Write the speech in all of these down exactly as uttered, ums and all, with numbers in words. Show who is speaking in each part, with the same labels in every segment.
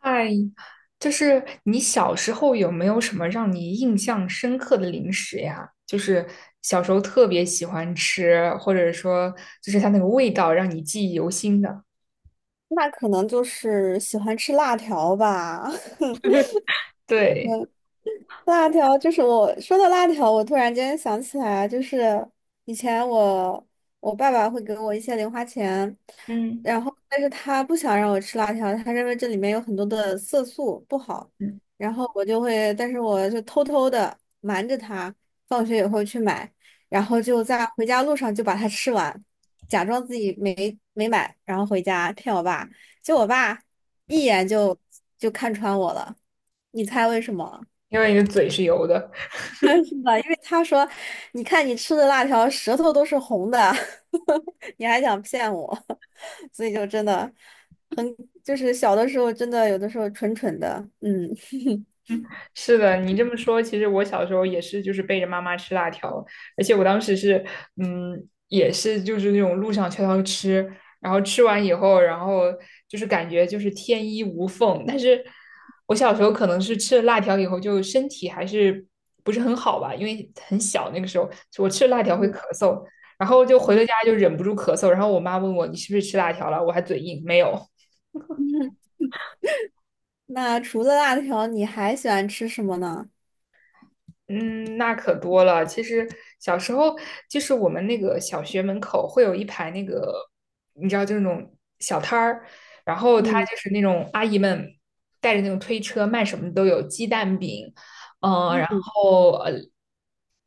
Speaker 1: 嗨，就是你小时候有没有什么让你印象深刻的零食呀？就是小时候特别喜欢吃，或者说就是它那个味道让你记忆犹新的。
Speaker 2: 那可能就是喜欢吃辣条吧。嗯
Speaker 1: 对。
Speaker 2: 辣条就是我说到辣条，我突然间想起来啊，就是以前我我爸爸会给我一些零花钱，
Speaker 1: 嗯。
Speaker 2: 然后但是他不想让我吃辣条，他认为这里面有很多的色素不好，
Speaker 1: 嗯。
Speaker 2: 然后我就会，但是我就偷偷的瞒着他，放学以后去买，然后就在回家路上就把它吃完，假装自己没没买，然后回家骗我爸，结果我爸一眼就就看穿我了，你猜为什么？
Speaker 1: 因为你的嘴是油的。
Speaker 2: 是吧？因为他说，你看你吃的辣条舌头都是红的，你还想骗我，所以就真的很，就是小的时候真的有的时候蠢蠢的，嗯
Speaker 1: 是的，你这么说，其实我小时候也是，就是背着妈妈吃辣条，而且我当时是，嗯，也是就是那种路上悄悄吃，然后吃完以后，然后就是感觉就是天衣无缝。但是我小时候可能是吃了辣条以后，就身体还是不是很好吧，因为很小那个时候，我吃了辣条会咳
Speaker 2: 嗯
Speaker 1: 嗽，然后就回了
Speaker 2: 嗯
Speaker 1: 家就忍不住咳嗽，然后我妈问我你是不是吃辣条了，我还嘴硬，没有。
Speaker 2: 嗯。那除了辣条，你还喜欢吃什么呢？
Speaker 1: 嗯，那可多了。其实小时候就是我们那个小学门口会有一排那个，你知道，就是那种小摊儿，然后他
Speaker 2: 嗯
Speaker 1: 就是那种阿姨们带着那种推车卖什么都有，鸡蛋饼，嗯、然
Speaker 2: 嗯
Speaker 1: 后呃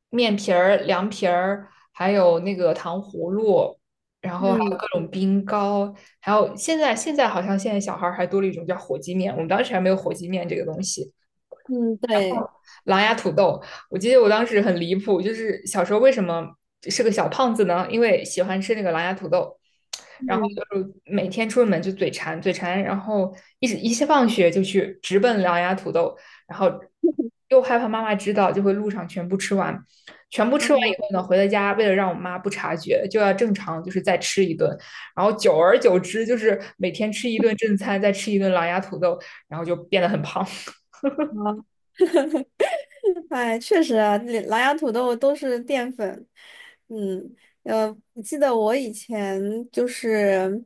Speaker 1: 面皮儿、凉皮儿，还有那个糖葫芦，然后还有
Speaker 2: 嗯
Speaker 1: 各种冰糕，还有现在现在好像现在小孩儿还多了一种叫火鸡面，我们当时还没有火鸡面这个东西。
Speaker 2: 嗯，对，
Speaker 1: 狼牙土豆。我记得我当时很离谱，就是小时候为什么是个小胖子呢？因为喜欢吃那个狼牙土豆，然后
Speaker 2: 嗯
Speaker 1: 就是每天出门就嘴馋，嘴馋，然后一直一下放学就去直奔狼牙土豆，然后又害怕妈妈知道，就会路上全部吃完。全部吃完
Speaker 2: 嗯，
Speaker 1: 以后呢，回到家为了让我妈不察觉，就要正常就是再吃一顿，然后久而久之就是每天吃一顿正餐，再吃一顿狼牙土豆，然后就变得很胖。
Speaker 2: 好哎，确实啊，那狼牙土豆都是淀粉。嗯，呃，我记得我以前就是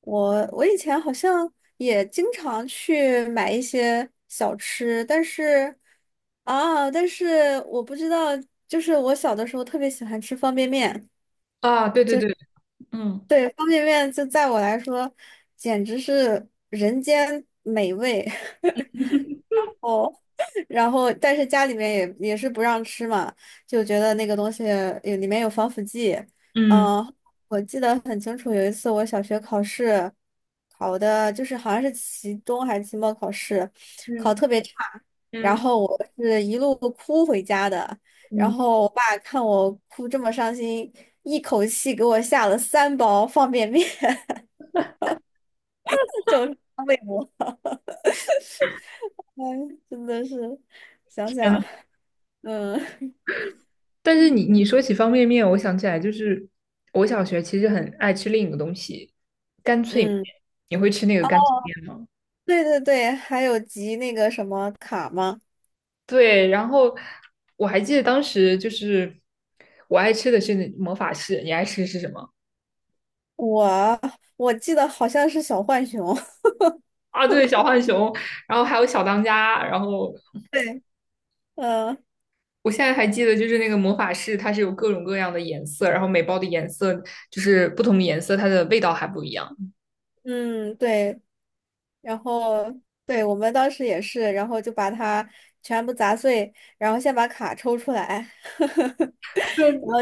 Speaker 2: 我，我以前好像也经常去买一些小吃，但是啊，但是我不知道，就是我小的时候特别喜欢吃方便面，
Speaker 1: 啊，对对对。嗯。
Speaker 2: 对，方便面就在我来说简直是人间美味。然后但是家里面也也是不让吃嘛，就觉得那个东西有里面有防腐剂。
Speaker 1: 嗯。
Speaker 2: 嗯，我记得很清楚，有一次我小学考试考的就是好像是期中还是期末考试，考
Speaker 1: 嗯
Speaker 2: 特别差，然
Speaker 1: 嗯
Speaker 2: 后我是一路哭回家的。然
Speaker 1: 嗯。
Speaker 2: 后我爸看我哭这么伤心，一口气给我下了三包方便面，就是安慰我。哎，真的是，想
Speaker 1: 天呐。
Speaker 2: 想，嗯。
Speaker 1: 但是你你说起方便面，我想起来就是我小学其实很爱吃另一个东西，干脆面。
Speaker 2: 嗯，
Speaker 1: 你会吃那个干脆面吗？
Speaker 2: 对对对，还有集那个什么卡吗？
Speaker 1: 对，然后我还记得当时就是我爱吃的是那魔法士，你爱吃的是什么？
Speaker 2: 我我记得好像是小浣熊，
Speaker 1: 啊，对，小浣熊，然后还有小当家，然后
Speaker 2: 对，嗯
Speaker 1: 我现在还记得就是那个魔法士，它是有各种各样的颜色，然后每包的颜色就是不同的颜色，它的味道还不一样。
Speaker 2: 嗯对，然后对我们当时也是，然后就把它全部砸碎，然后先把卡抽出来，
Speaker 1: 对，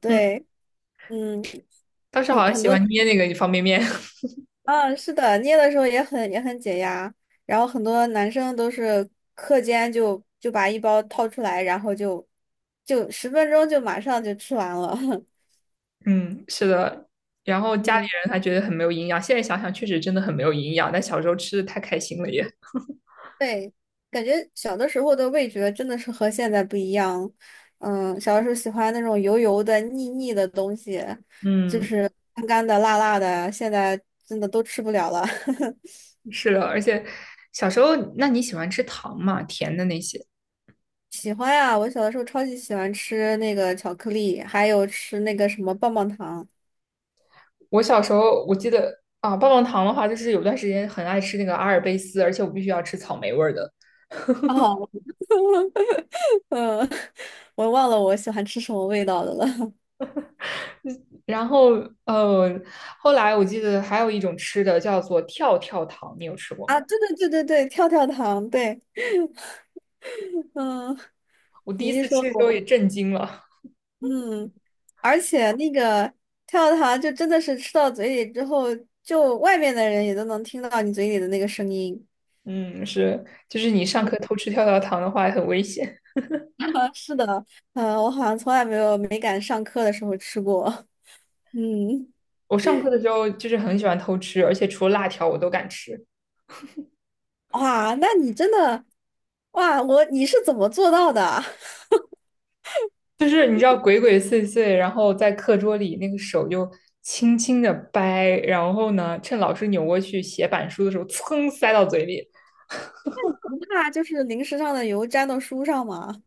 Speaker 2: 对，嗯，
Speaker 1: 当时
Speaker 2: 很
Speaker 1: 好像
Speaker 2: 很
Speaker 1: 喜
Speaker 2: 多，
Speaker 1: 欢捏那个方便面。
Speaker 2: 啊，是的，捏的时候也很也很解压，然后很多男生都是课间就就把一包掏出来，然后就就十分钟就马上就吃完了，
Speaker 1: 嗯，是的。然后 家里
Speaker 2: 嗯。
Speaker 1: 人还觉得很没有营养，现在想想确实真的很没有营养，但小时候吃的太开心了也。
Speaker 2: 对，感觉小的时候的味觉真的是和现在不一样。嗯，小的时候喜欢那种油油的、腻腻的东西，就
Speaker 1: 嗯。
Speaker 2: 是干干的、辣辣的，现在真的都吃不了了。
Speaker 1: 是的，而且小时候，那你喜欢吃糖吗？甜的那些？
Speaker 2: 喜欢呀，我小的时候超级喜欢吃那个巧克力，还有吃那个什么棒棒糖。
Speaker 1: 我小时候我记得啊，棒棒糖的话，就是有段时间很爱吃那个阿尔卑斯，而且我必须要吃草莓味儿的。
Speaker 2: 哦，嗯，我忘了我喜欢吃什么味道的了。
Speaker 1: 然后呃，后来我记得还有一种吃的叫做跳跳糖，你有吃过
Speaker 2: 啊，
Speaker 1: 吗？
Speaker 2: 对对对对对，跳跳糖，对，嗯，
Speaker 1: 我第
Speaker 2: 你
Speaker 1: 一
Speaker 2: 一
Speaker 1: 次吃
Speaker 2: 说
Speaker 1: 的时候也
Speaker 2: 我。
Speaker 1: 震惊了。
Speaker 2: 嗯，而且那个跳跳糖就真的是吃到嘴里之后，就外面的人也都能听到你嘴里的那个声音。
Speaker 1: 嗯，是，就是你上课偷吃跳跳糖的话很危险。
Speaker 2: 是的，嗯，我好像从来没有没敢上课的时候吃过。嗯，
Speaker 1: 我上课的时候就是很喜欢偷吃，而且除了辣条我都敢吃。
Speaker 2: 哇，那你真的，哇，我你是怎么做到的？
Speaker 1: 就是你知道鬼鬼祟祟，然后在课桌里那个手就轻轻的掰，然后呢，趁老师扭过去写板书的时候，噌塞到嘴里。
Speaker 2: 不怕就是零食上的油沾到书上吗？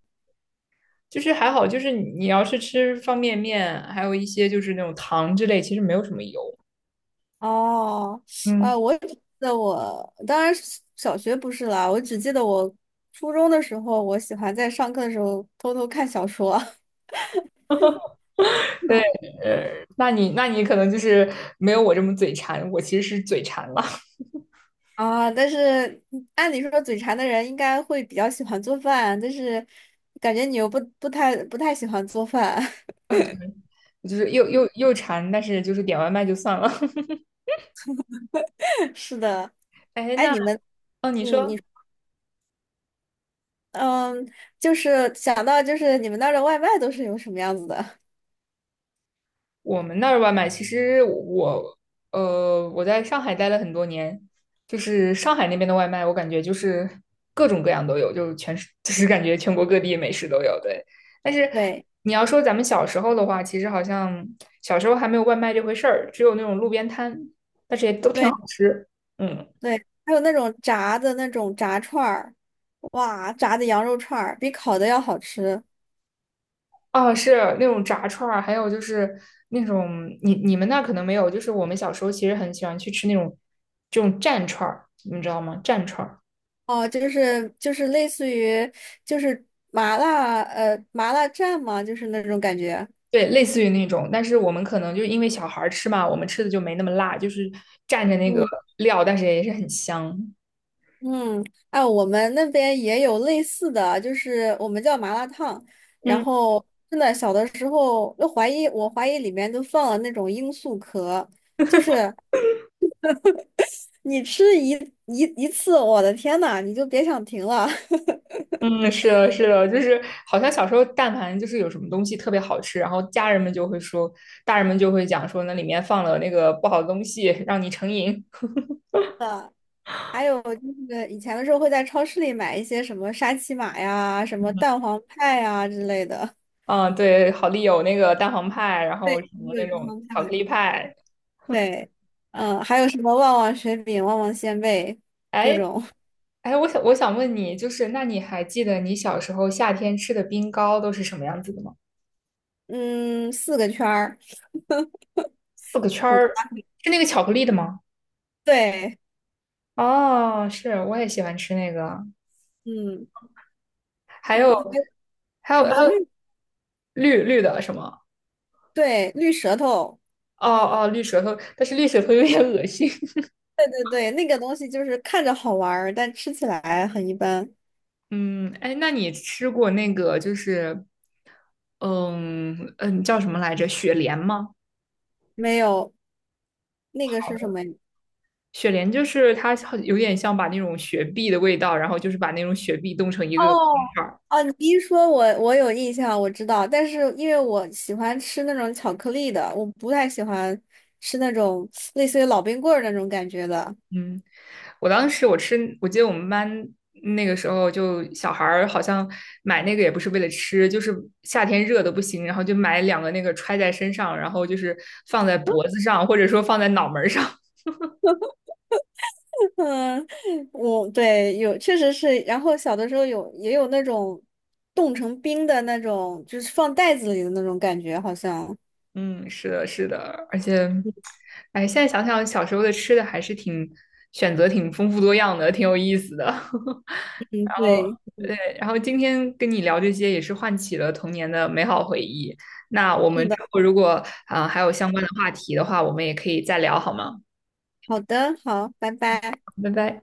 Speaker 1: 就是还好，就是你你要是吃方便面，还有一些就是那种糖之类，其实没有什么油。
Speaker 2: 哦，
Speaker 1: 嗯，
Speaker 2: 啊，我只记得我当然是小学不是啦，我只记得我初中的时候，我喜欢在上课的时候偷偷看小说。嗯
Speaker 1: 对。呃，那你那你可能就是没有我这么嘴馋，我其实是嘴馋了。
Speaker 2: 啊，但是嗯按理说嘴馋的人应该会比较喜欢做饭，但是感觉你又不不太不太喜欢做饭。
Speaker 1: 就是又又又馋，但是就是点外卖就算了。
Speaker 2: 是的，
Speaker 1: 哎，
Speaker 2: 哎，
Speaker 1: 那
Speaker 2: 你们，
Speaker 1: 哦，你
Speaker 2: 嗯，
Speaker 1: 说
Speaker 2: 你，嗯，就是想到就是你们那儿的外卖都是有什么样子的？
Speaker 1: 我们那儿外卖，其实我呃我在上海待了很多年，就是上海那边的外卖，我感觉就是各种各样都有，就是全是 就是感觉全国各地美食都有，对。但是
Speaker 2: 对，
Speaker 1: 你要说咱们小时候的话，其实好像小时候还没有外卖这回事儿，只有那种路边摊，但是也都挺
Speaker 2: 对。
Speaker 1: 好吃。嗯。
Speaker 2: 对，还有那种炸的那种炸串儿，哇，炸的羊肉串儿比烤的要好吃
Speaker 1: 哦，是那种炸串儿，还有就是那种你你们那可能没有，就是我们小时候其实很喜欢去吃那种这种蘸串儿，你们知道吗？蘸串儿，
Speaker 2: 哦，就是就是类似于就是麻辣呃麻辣蘸嘛，就是那种感觉。
Speaker 1: 对，类似于那种，但是我们可能就因为小孩儿吃嘛，我们吃的就没那么辣，就是蘸着那个
Speaker 2: 嗯
Speaker 1: 料，但是也是很香。
Speaker 2: 嗯，哎，我们那边也有类似的，就是我们叫麻辣烫，然
Speaker 1: 嗯
Speaker 2: 后真的小的时候都怀疑，我怀疑里面都放了那种罂粟壳，就是你吃一一一次，我的天呐，你就别想停了。
Speaker 1: 嗯，是的，是的，就是好像小时候但凡就是有什么东西特别好吃，然后家人们就会说，大人们就会讲说那里面放了那个不好的东西，让你成瘾。
Speaker 2: 还有就是以前的时候会在超市里买一些什么沙琪玛呀、什么蛋黄派呀之类的。
Speaker 1: 嗯，对，好丽友那个蛋黄派，然后
Speaker 2: 对，
Speaker 1: 什么
Speaker 2: 也
Speaker 1: 那
Speaker 2: 有蛋
Speaker 1: 种
Speaker 2: 黄
Speaker 1: 巧克
Speaker 2: 派。
Speaker 1: 力派。
Speaker 2: 对，嗯，还有什么旺旺雪饼、旺旺仙贝，各
Speaker 1: 哎
Speaker 2: 种，
Speaker 1: 哎，我想我想问你，就是那你还记得你小时候夏天吃的冰糕都是什么样子的吗？
Speaker 2: 嗯，四个圈儿，
Speaker 1: 四个圈
Speaker 2: 五个，
Speaker 1: 儿，是那个巧克力的吗？
Speaker 2: 对，
Speaker 1: 哦，是，我也喜欢吃那个。
Speaker 2: 嗯
Speaker 1: 还有
Speaker 2: 嗯，还有
Speaker 1: 还
Speaker 2: 什
Speaker 1: 有
Speaker 2: 么
Speaker 1: 还有
Speaker 2: 绿，
Speaker 1: 绿绿的什么？
Speaker 2: 对，绿舌头，
Speaker 1: 哦哦，绿舌头，但是绿舌头有点恶心。
Speaker 2: 对对对，那个东西就是看着好玩儿，但吃起来很一般，
Speaker 1: 嗯，哎，那你吃过那个就是，嗯嗯，叫什么来着？雪莲吗？
Speaker 2: 没有那个是什么？
Speaker 1: 雪莲就是它好有点像把那种雪碧的味道，然后就是把那种雪碧冻成一个个冰
Speaker 2: 哦
Speaker 1: 块儿。
Speaker 2: 哦，你一说我，我有印象，我知道，但是因为我喜欢吃那种巧克力的，我不太喜欢吃那种类似于老冰棍儿那种感觉的。
Speaker 1: 嗯，我当时我吃，我记得我们班那个时候就小孩儿好像买那个也不是为了吃，就是夏天热的不行，然后就买两个那个揣在身上，然后就是放在脖子上，或者说放在脑门儿上。
Speaker 2: 嗯，我对有确实是，然后小的时候有也有那种冻成冰的那种，就是放袋子里的那种感觉，好像。
Speaker 1: 嗯，是的，是的，而且，哎，现在想想小时候的吃的还是挺选择挺丰富多样的，挺有意思的。
Speaker 2: 嗯，
Speaker 1: 然后，
Speaker 2: 对，
Speaker 1: 对，然后今天跟你聊这些也是唤起了童年的美好回忆。那我
Speaker 2: 是
Speaker 1: 们之
Speaker 2: 的。
Speaker 1: 后如果啊，还有相关的话题的话，我们也可以再聊，好吗？
Speaker 2: 好的，好，拜拜。
Speaker 1: 拜拜。